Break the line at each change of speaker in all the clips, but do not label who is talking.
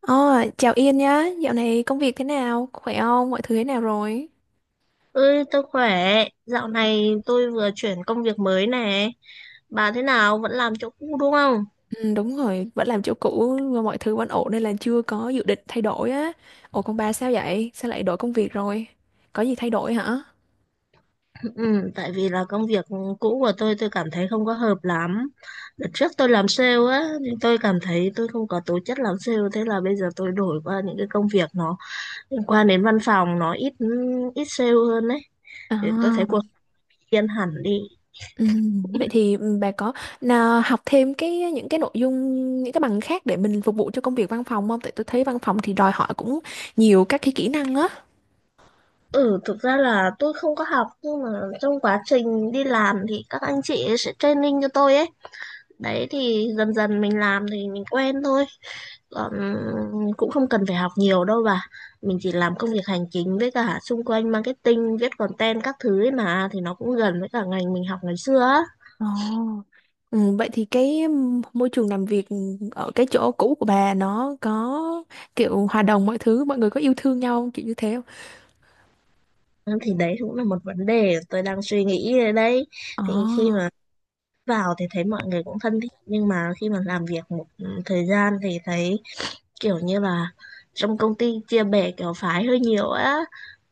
Ờ, Chào Yên nhá, dạo này công việc thế nào, khỏe không, mọi thứ thế nào rồi?
Ơi, tôi khỏe. Dạo này tôi vừa chuyển công việc mới nè. Bà thế nào? Vẫn làm chỗ cũ đúng không?
Ừ, đúng rồi, vẫn làm chỗ cũ mà mọi thứ vẫn ổn nên là chưa có dự định thay đổi á. Ủa còn bà sao vậy, sao lại đổi công việc rồi? Có gì thay đổi hả?
Ừ, tại vì là công việc cũ của tôi cảm thấy không có hợp lắm. Đợt trước tôi làm sale á, thì tôi cảm thấy tôi không có tố chất làm sale. Thế là bây giờ tôi đổi qua những cái công việc nó liên quan đến văn phòng, nó ít ít sale hơn đấy. Để tôi
À,
thấy cuộc sống yên hẳn đi.
ừ, vậy thì bà có nào học thêm cái những cái nội dung, những cái bằng khác để mình phục vụ cho công việc văn phòng không? Tại tôi thấy văn phòng thì đòi hỏi cũng nhiều các cái kỹ năng á.
Ừ, thực ra là tôi không có học nhưng mà trong quá trình đi làm thì các anh chị ấy sẽ training cho tôi ấy. Đấy thì dần dần mình làm thì mình quen thôi. Còn cũng không cần phải học nhiều đâu bà. Mình chỉ làm công việc hành chính với cả xung quanh marketing, viết content các thứ ấy mà thì nó cũng gần với cả ngành mình học ngày xưa á.
Ồ, ừ, vậy thì cái môi trường làm việc ở cái chỗ cũ của bà nó có kiểu hòa đồng mọi thứ, mọi người có yêu thương nhau không? Kiểu như thế không?
Ừ, thì đấy cũng là một vấn đề tôi đang suy nghĩ ở đây.
Ồ.
Thì khi mà vào thì thấy mọi người cũng thân thiện nhưng mà khi mà làm việc một thời gian thì thấy kiểu như là trong công ty chia bè kiểu phái hơi nhiều á,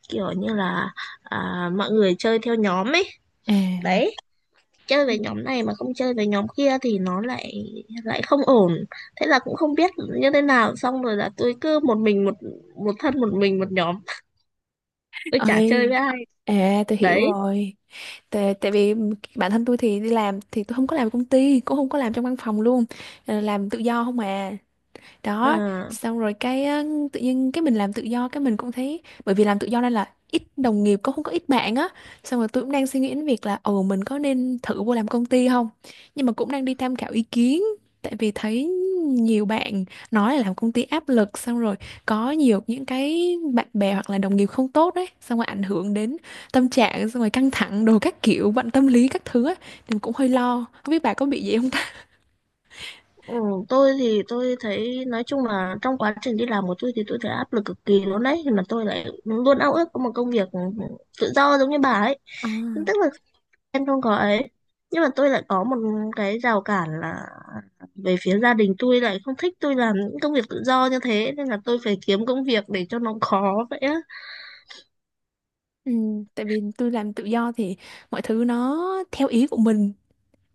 kiểu như là mọi người chơi theo nhóm ấy.
À.
Đấy, chơi
Ừ.
về nhóm này mà không chơi về nhóm kia thì nó lại lại không ổn, thế là cũng không biết như thế nào, xong rồi là tôi cứ một mình một một thân một mình một nhóm, tôi chả chơi
Ơi,
với ai
à, tôi hiểu
đấy.
rồi. Tại vì bản thân tôi thì đi làm thì tôi không có làm công ty, cũng không có làm trong văn phòng luôn. Làm tự do không à,
Ờ,
đó. Xong rồi cái á, tự nhiên cái mình làm tự do cái mình cũng thấy bởi vì làm tự do nên là ít đồng nghiệp cũng không có ít bạn á, xong rồi tôi cũng đang suy nghĩ đến việc là mình có nên thử vô làm công ty không, nhưng mà cũng đang đi tham khảo ý kiến tại vì thấy nhiều bạn nói là làm công ty áp lực, xong rồi có nhiều những cái bạn bè hoặc là đồng nghiệp không tốt đấy, xong rồi ảnh hưởng đến tâm trạng, xong rồi căng thẳng đồ các kiểu bệnh tâm lý các thứ á, thì cũng hơi lo không biết bà có bị gì không ta.
ừ, tôi thì tôi thấy nói chung là trong quá trình đi làm của tôi thì tôi thấy áp lực cực kỳ luôn đấy, mà tôi lại luôn ao ước có một công việc tự do giống như bà ấy,
À.
tức là em không có ấy, nhưng mà tôi lại có một cái rào cản là về phía gia đình tôi lại không thích tôi làm những công việc tự do như thế, nên là tôi phải kiếm công việc để cho nó khó vậy á.
Ừ, tại vì tôi làm tự do thì mọi thứ nó theo ý của mình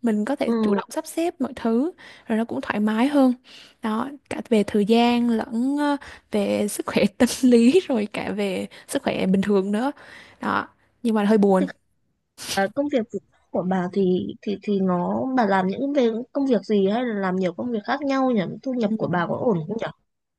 mình có thể chủ
Ừ.
động sắp xếp mọi thứ, rồi nó cũng thoải mái hơn, đó, cả về thời gian lẫn về sức khỏe tâm lý, rồi cả về sức khỏe bình thường nữa, đó, nhưng mà hơi buồn.
Thế còn, công việc tự do của bà thì nó bà làm những về công việc gì hay là làm nhiều công việc khác nhau nhỉ, thu
Ừ.
nhập của bà có ổn không nhỉ?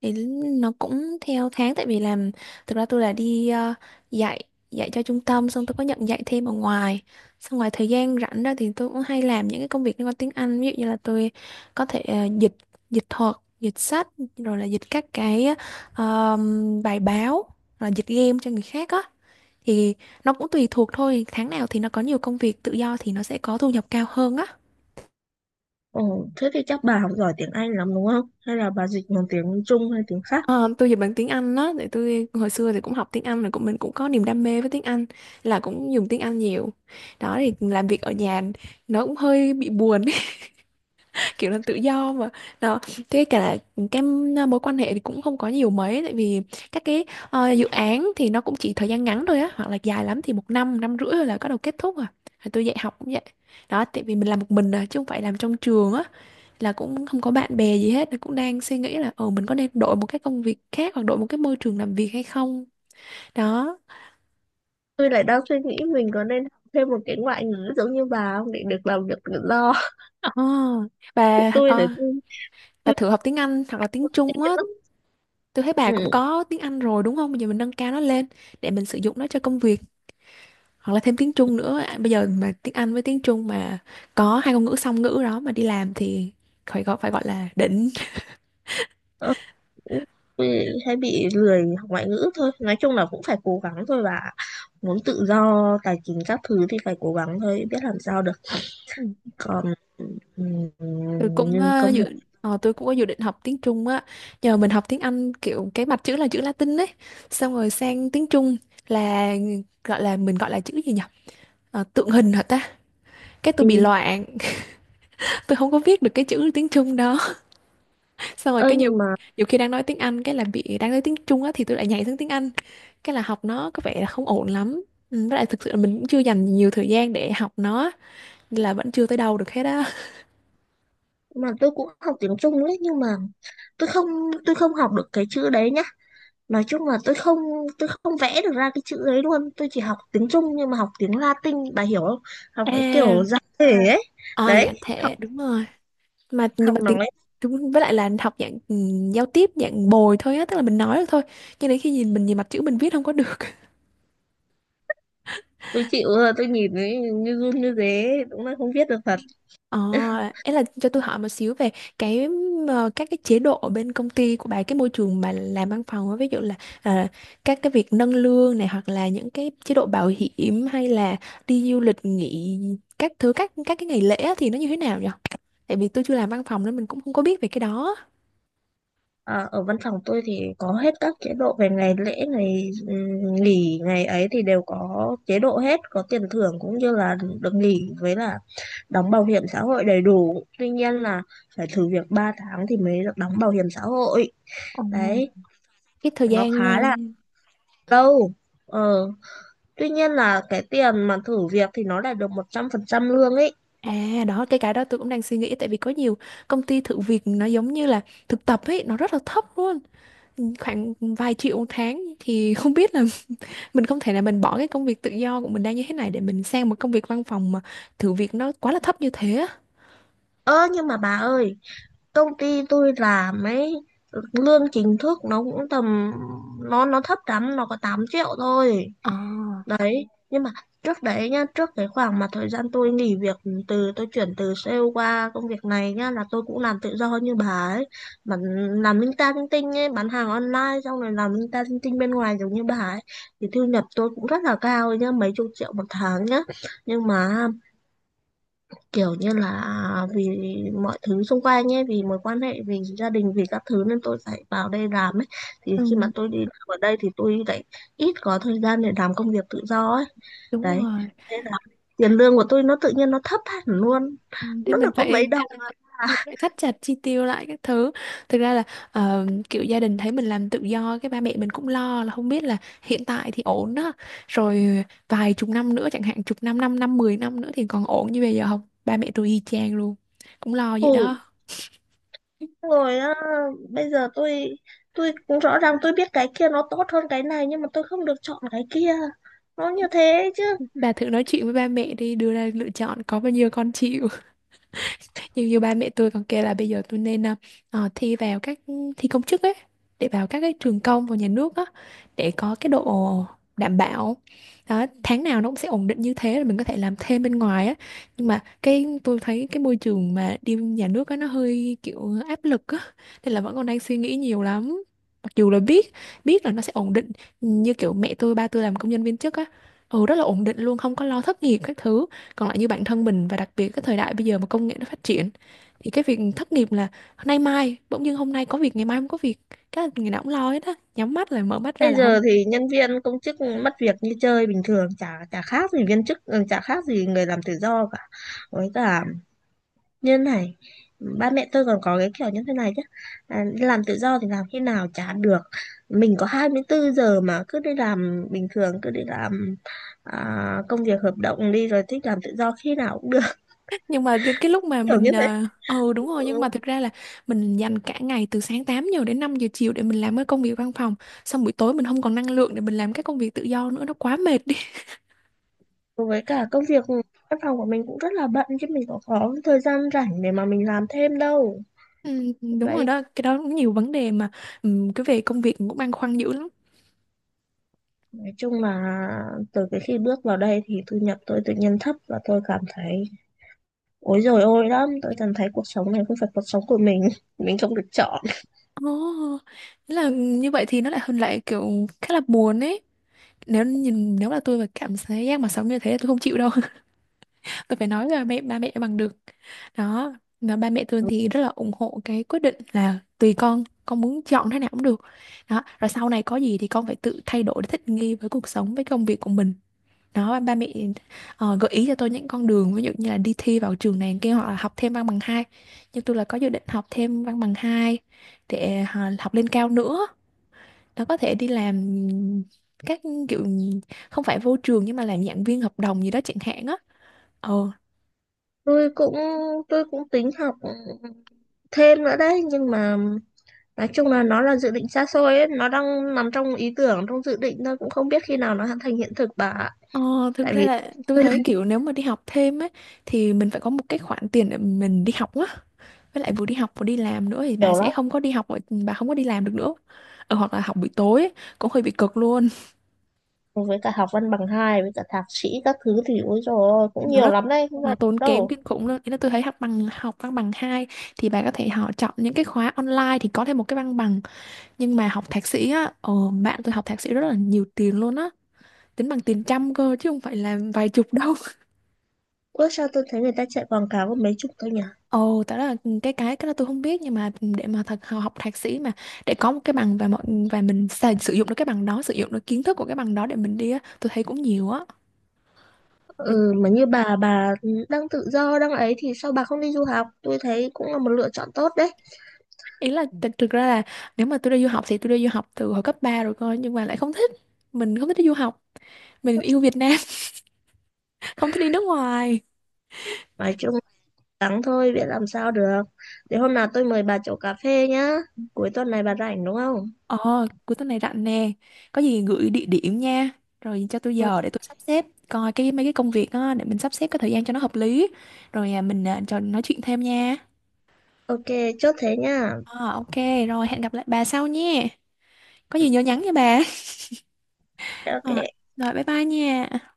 Thì nó cũng theo tháng tại vì làm, thực ra tôi là đi dạy, dạy cho trung tâm, xong tôi có nhận dạy thêm ở ngoài, xong ngoài thời gian rảnh ra thì tôi cũng hay làm những cái công việc liên quan tiếng Anh, ví dụ như là tôi có thể dịch dịch thuật, dịch sách, rồi là dịch các cái ờ, bài báo, rồi là dịch game cho người khác á, thì nó cũng tùy thuộc thôi, tháng nào thì nó có nhiều công việc tự do thì nó sẽ có thu nhập cao hơn á.
Ừ. Thế thì chắc bà học giỏi tiếng Anh lắm đúng không, hay là bà dịch bằng tiếng Trung hay tiếng khác?
Ờ, tôi dịch bằng tiếng Anh đó, tại tôi hồi xưa thì cũng học tiếng Anh, rồi cũng mình cũng có niềm đam mê với tiếng Anh, là cũng dùng tiếng Anh nhiều. Đó thì làm việc ở nhà nó cũng hơi bị buồn ấy, kiểu là tự do mà. Đó, thế cả là cái mối quan hệ thì cũng không có nhiều mấy tại vì các cái dự án thì nó cũng chỉ thời gian ngắn thôi á, hoặc là dài lắm thì 1 năm, năm rưỡi là bắt đầu kết thúc à. Rồi tôi dạy học cũng vậy. Đó, tại vì mình làm một mình à, chứ không phải làm trong trường á, là cũng không có bạn bè gì hết, cũng đang suy nghĩ là ờ mình có nên đổi một cái công việc khác hoặc đổi một cái môi trường làm việc hay không. Đó,
Tôi lại đang suy nghĩ mình có nên học thêm một cái ngoại ngữ giống như bà không để được làm việc tự do.
ờ bà
tôi là
có
tôi
bà
tôi
thử học tiếng Anh hoặc là tiếng Trung á.
chán lắm.
Tôi thấy bà cũng
Ừ.
có tiếng Anh rồi đúng không, bây giờ mình nâng cao nó lên để mình sử dụng nó cho công việc, hoặc là thêm tiếng Trung nữa. À, bây giờ mà tiếng Anh với tiếng Trung mà có hai ngôn ngữ song ngữ đó mà đi làm thì phải gọi, phải gọi là đỉnh.
Ờ, tôi hay bị lười học ngoại ngữ thôi, nói chung là cũng phải cố gắng thôi, và muốn tự do tài chính các thứ thì phải cố gắng thôi, biết làm sao được. Còn ừ,
tôi cũng
nhưng
ờ,
công việc
dự tôi cũng có dự định học tiếng Trung á, nhờ mình học tiếng Anh kiểu cái mặt chữ là chữ Latin ấy, xong rồi sang tiếng Trung là gọi là, mình gọi là chữ gì nhỉ? Tượng hình hả ta, cái tôi bị
ừ.
loạn. Tôi không có viết được cái chữ tiếng Trung đó, xong rồi
Ơ
cái nhiều,
nhưng mà
nhiều khi đang nói tiếng Anh cái là bị, đang nói tiếng Trung á thì tôi lại nhảy sang tiếng Anh, cái là học nó có vẻ là không ổn lắm. Ừ, với lại thực sự là mình cũng chưa dành nhiều thời gian để học nó nên là vẫn chưa tới đâu được hết á.
tôi cũng học tiếng Trung đấy, nhưng mà tôi không tôi không học được cái chữ đấy nhá, nói chung là tôi không vẽ được ra cái chữ đấy luôn, tôi chỉ học tiếng Trung nhưng mà học tiếng Latin bà hiểu không, học cái
à,
kiểu giải thể ấy,
à dạ
đấy
thế đúng rồi, mà nhưng mà
học
tiếng
nói.
chúng với lại là học dạng giao tiếp dạng bồi thôi á, tức là mình nói được thôi, cho đến khi nhìn, mình nhìn mặt chữ mình viết không có được.
Tôi chịu rồi, tôi nhìn ấy, như run như thế đúng là không viết được thật.
ờ Ấy, là cho tôi hỏi một xíu về cái các cái chế độ ở bên công ty của bà, cái môi trường bà làm văn phòng á, ví dụ là ờ, các cái việc nâng lương này hoặc là những cái chế độ bảo hiểm hay là đi du lịch nghỉ các thứ, các cái ngày lễ á, thì nó như thế nào nhỉ? Tại vì tôi chưa làm văn phòng nên mình cũng không có biết về cái đó.
À, ở văn phòng tôi thì có hết các chế độ về ngày lễ ngày nghỉ ngày ấy thì đều có chế độ hết, có tiền thưởng cũng như là được nghỉ, với là đóng bảo hiểm xã hội đầy đủ, tuy nhiên là phải thử việc 3 tháng thì mới được đóng bảo hiểm xã hội.
Ồ.
Đấy,
Cái thời
nó
gian.
khá là lâu. Ờ, tuy nhiên là cái tiền mà thử việc thì nó lại được 100% lương ấy.
À đó, cái đó tôi cũng đang suy nghĩ, tại vì có nhiều công ty thử việc nó giống như là thực tập ấy, nó rất là thấp luôn, khoảng vài triệu một tháng thì không biết là mình không thể là mình bỏ cái công việc tự do của mình đang như thế này để mình sang một công việc văn phòng mà thử việc nó quá là thấp như thế á.
Ơ nhưng mà bà ơi, công ty tôi làm ấy, lương chính thức nó cũng tầm, nó thấp lắm, nó có 8 triệu thôi
Ờ,
đấy. Nhưng mà trước đấy nhá, trước cái khoảng mà thời gian tôi nghỉ việc, tôi chuyển từ sale qua công việc này nhá, là tôi cũng làm tự do như bà ấy, mà làm linh ta linh tinh ấy, bán hàng online xong rồi làm linh ta linh tinh bên ngoài giống như bà ấy, thì thu nhập tôi cũng rất là cao ấy nhá, mấy chục triệu một tháng nhá. Nhưng mà kiểu như là vì mọi thứ xung quanh ấy, vì mối quan hệ vì gia đình vì các thứ nên tôi phải vào đây làm ấy, thì
ừ,
khi mà tôi đi làm ở đây thì tôi lại ít có thời gian để làm công việc tự do ấy.
đúng
Đấy,
rồi.
thế là tiền lương của tôi nó tự nhiên nó thấp hẳn luôn,
Ừ, thế
nó
mình
được có
phải
mấy đồng à.
phải thắt chặt chi tiêu lại các thứ, thực ra là kiểu gia đình thấy mình làm tự do cái ba mẹ mình cũng lo là không biết là hiện tại thì ổn đó, rồi vài chục năm nữa chẳng hạn, chục năm, năm năm, 10 năm nữa thì còn ổn như bây giờ không. Ba mẹ tôi y chang luôn, cũng lo vậy
Ủi
đó.
rồi á, bây giờ tôi cũng rõ ràng tôi biết cái kia nó tốt hơn cái này nhưng mà tôi không được chọn cái kia, nó như thế chứ.
Bà thử nói chuyện với ba mẹ đi, đưa ra lựa chọn có bao nhiêu con chịu. Như, như ba mẹ tôi còn kêu là bây giờ tôi nên thi vào các, thi công chức ấy, để vào các cái trường công và nhà nước á, để có cái độ đảm bảo, đó, tháng nào nó cũng sẽ ổn định như thế, là mình có thể làm thêm bên ngoài á. Nhưng mà cái tôi thấy cái môi trường mà đi nhà nước á, nó hơi kiểu áp lực á, nên là vẫn còn đang suy nghĩ nhiều lắm. Mặc dù là biết biết là nó sẽ ổn định, như kiểu mẹ tôi ba tôi làm công nhân viên chức á, ừ rất là ổn định luôn, không có lo thất nghiệp các thứ. Còn lại như bản thân mình và đặc biệt cái thời đại bây giờ mà công nghệ nó phát triển thì cái việc thất nghiệp là nay mai bỗng dưng hôm nay có việc ngày mai không có việc, cái là ngày nào cũng lo hết á, nhắm mắt lại mở mắt ra
Bây
là không.
giờ thì nhân viên công chức mất việc như chơi bình thường, chả chả khác gì viên chức, ừ, chả khác gì người làm tự do cả. Với cả như này, ba mẹ tôi còn có cái kiểu như thế này chứ, đi làm tự do thì làm khi nào chả được, mình có 24 giờ mà cứ đi làm bình thường, cứ đi làm, công việc hợp đồng đi rồi thích làm tự do khi nào cũng được.
Nhưng mà đến cái lúc mà
Kiểu
mình
như thế.
ừ, đúng rồi, nhưng mà thực ra là mình dành cả ngày từ sáng 8 giờ đến 5 giờ chiều để mình làm cái công việc văn phòng, xong buổi tối mình không còn năng lượng để mình làm cái công việc tự do nữa, nó quá mệt đi.
Ừ, với cả công việc văn phòng của mình cũng rất là bận chứ mình có thời gian rảnh để mà mình làm thêm đâu.
Ừ,
Ừ.
đúng rồi
Đấy.
đó, cái đó cũng nhiều vấn đề mà, cái về công việc cũng băn khoăn dữ lắm.
Nói chung là từ cái khi bước vào đây thì thu nhập tôi tự nhiên thấp, và tôi cảm thấy ối rồi ôi lắm, tôi cảm thấy cuộc sống này không phải cuộc sống của mình không được chọn.
Ồ, oh, là như vậy thì nó lại hơn, lại kiểu khá là buồn ấy. Nếu nhìn, nếu là tôi mà cảm thấy giác mà sống như thế là tôi không chịu đâu. Tôi phải nói là ba mẹ bằng được, đó, và ba mẹ tôi thì rất là ủng hộ cái quyết định, là tùy con muốn chọn thế nào cũng được, đó, rồi sau này có gì thì con phải tự thay đổi để thích nghi với cuộc sống với công việc của mình, đó. Ba mẹ gợi ý cho tôi những con đường, ví dụ như là đi thi vào trường này kia hoặc là học thêm văn bằng hai. Nhưng tôi là có dự định học thêm văn bằng hai, để học lên cao nữa, nó có thể đi làm các kiểu, không phải vô trường nhưng mà làm giảng viên hợp đồng gì đó chẳng hạn á. Ờ.
Tôi cũng tôi cũng tính học thêm nữa đấy, nhưng mà nói chung là nó là dự định xa xôi ấy, nó đang nằm trong ý tưởng, trong dự định thôi, cũng không biết khi nào nó thành hiện thực bà ạ.
Ờ, Thực
Tại
ra
vì
là tôi
tôi làm
thấy kiểu nếu mà đi học thêm ấy thì mình phải có một cái khoản tiền để mình đi học á. Với lại vừa đi học vừa đi làm nữa thì bà
nhiều
sẽ
lắm,
không có đi học ở-, bà không có đi làm được nữa. Ờ, hoặc là học buổi tối ấy, cũng hơi bị cực luôn.
với cả học văn bằng hai với cả thạc sĩ các thứ thì ối rồi cũng
Nó
nhiều
rất,
lắm đấy, không
nó
phải
tốn kém
đâu.
kinh khủng luôn. Ý là tôi thấy học bằng, học văn bằng 2 thì bà có thể họ chọn những cái khóa online thì có thêm một cái văn bằng, nhưng mà học thạc sĩ á, bạn tôi học thạc sĩ rất là nhiều tiền luôn á, tính bằng tiền trăm cơ chứ không phải là vài chục đâu.
Ủa sao tôi thấy người ta chạy quảng cáo có mấy chục thôi nhỉ?
Ồ, tại đó là cái, cái đó tôi không biết, nhưng mà để mà thật học thạc sĩ mà để có một cái bằng và mình xài, sử dụng được cái bằng đó, sử dụng được kiến thức của cái bằng đó để mình đi á, tôi thấy cũng nhiều á.
Ừ, mà như bà đang tự do, đang ấy thì sao bà không đi du học? Tôi thấy cũng là một lựa chọn tốt đấy.
Ý là thực ra là nếu mà tôi đi du học thì tôi đi du học từ hồi cấp 3 rồi coi, nhưng mà lại không thích, mình không thích đi du học, mình yêu Việt Nam. Không thích đi nước ngoài.
Nói chung gắng thôi, biết làm sao được. Để hôm nào tôi mời bà chỗ cà phê nhá. Cuối tuần này bà rảnh đúng không?
Ờ, cuối tuần này rảnh nè. Có gì gửi địa điểm nha. Rồi cho tôi
Ừ,
giờ để tôi sắp xếp coi cái mấy cái công việc á, để mình sắp xếp cái thời gian cho nó hợp lý. Rồi mình trò nói chuyện thêm nha.
ok, chốt thế nhá.
Ờ, ok, rồi hẹn gặp lại bà sau nhé. Có gì nhớ nhắn nha bà.
Ok.
Ờ, rồi bye bye nha.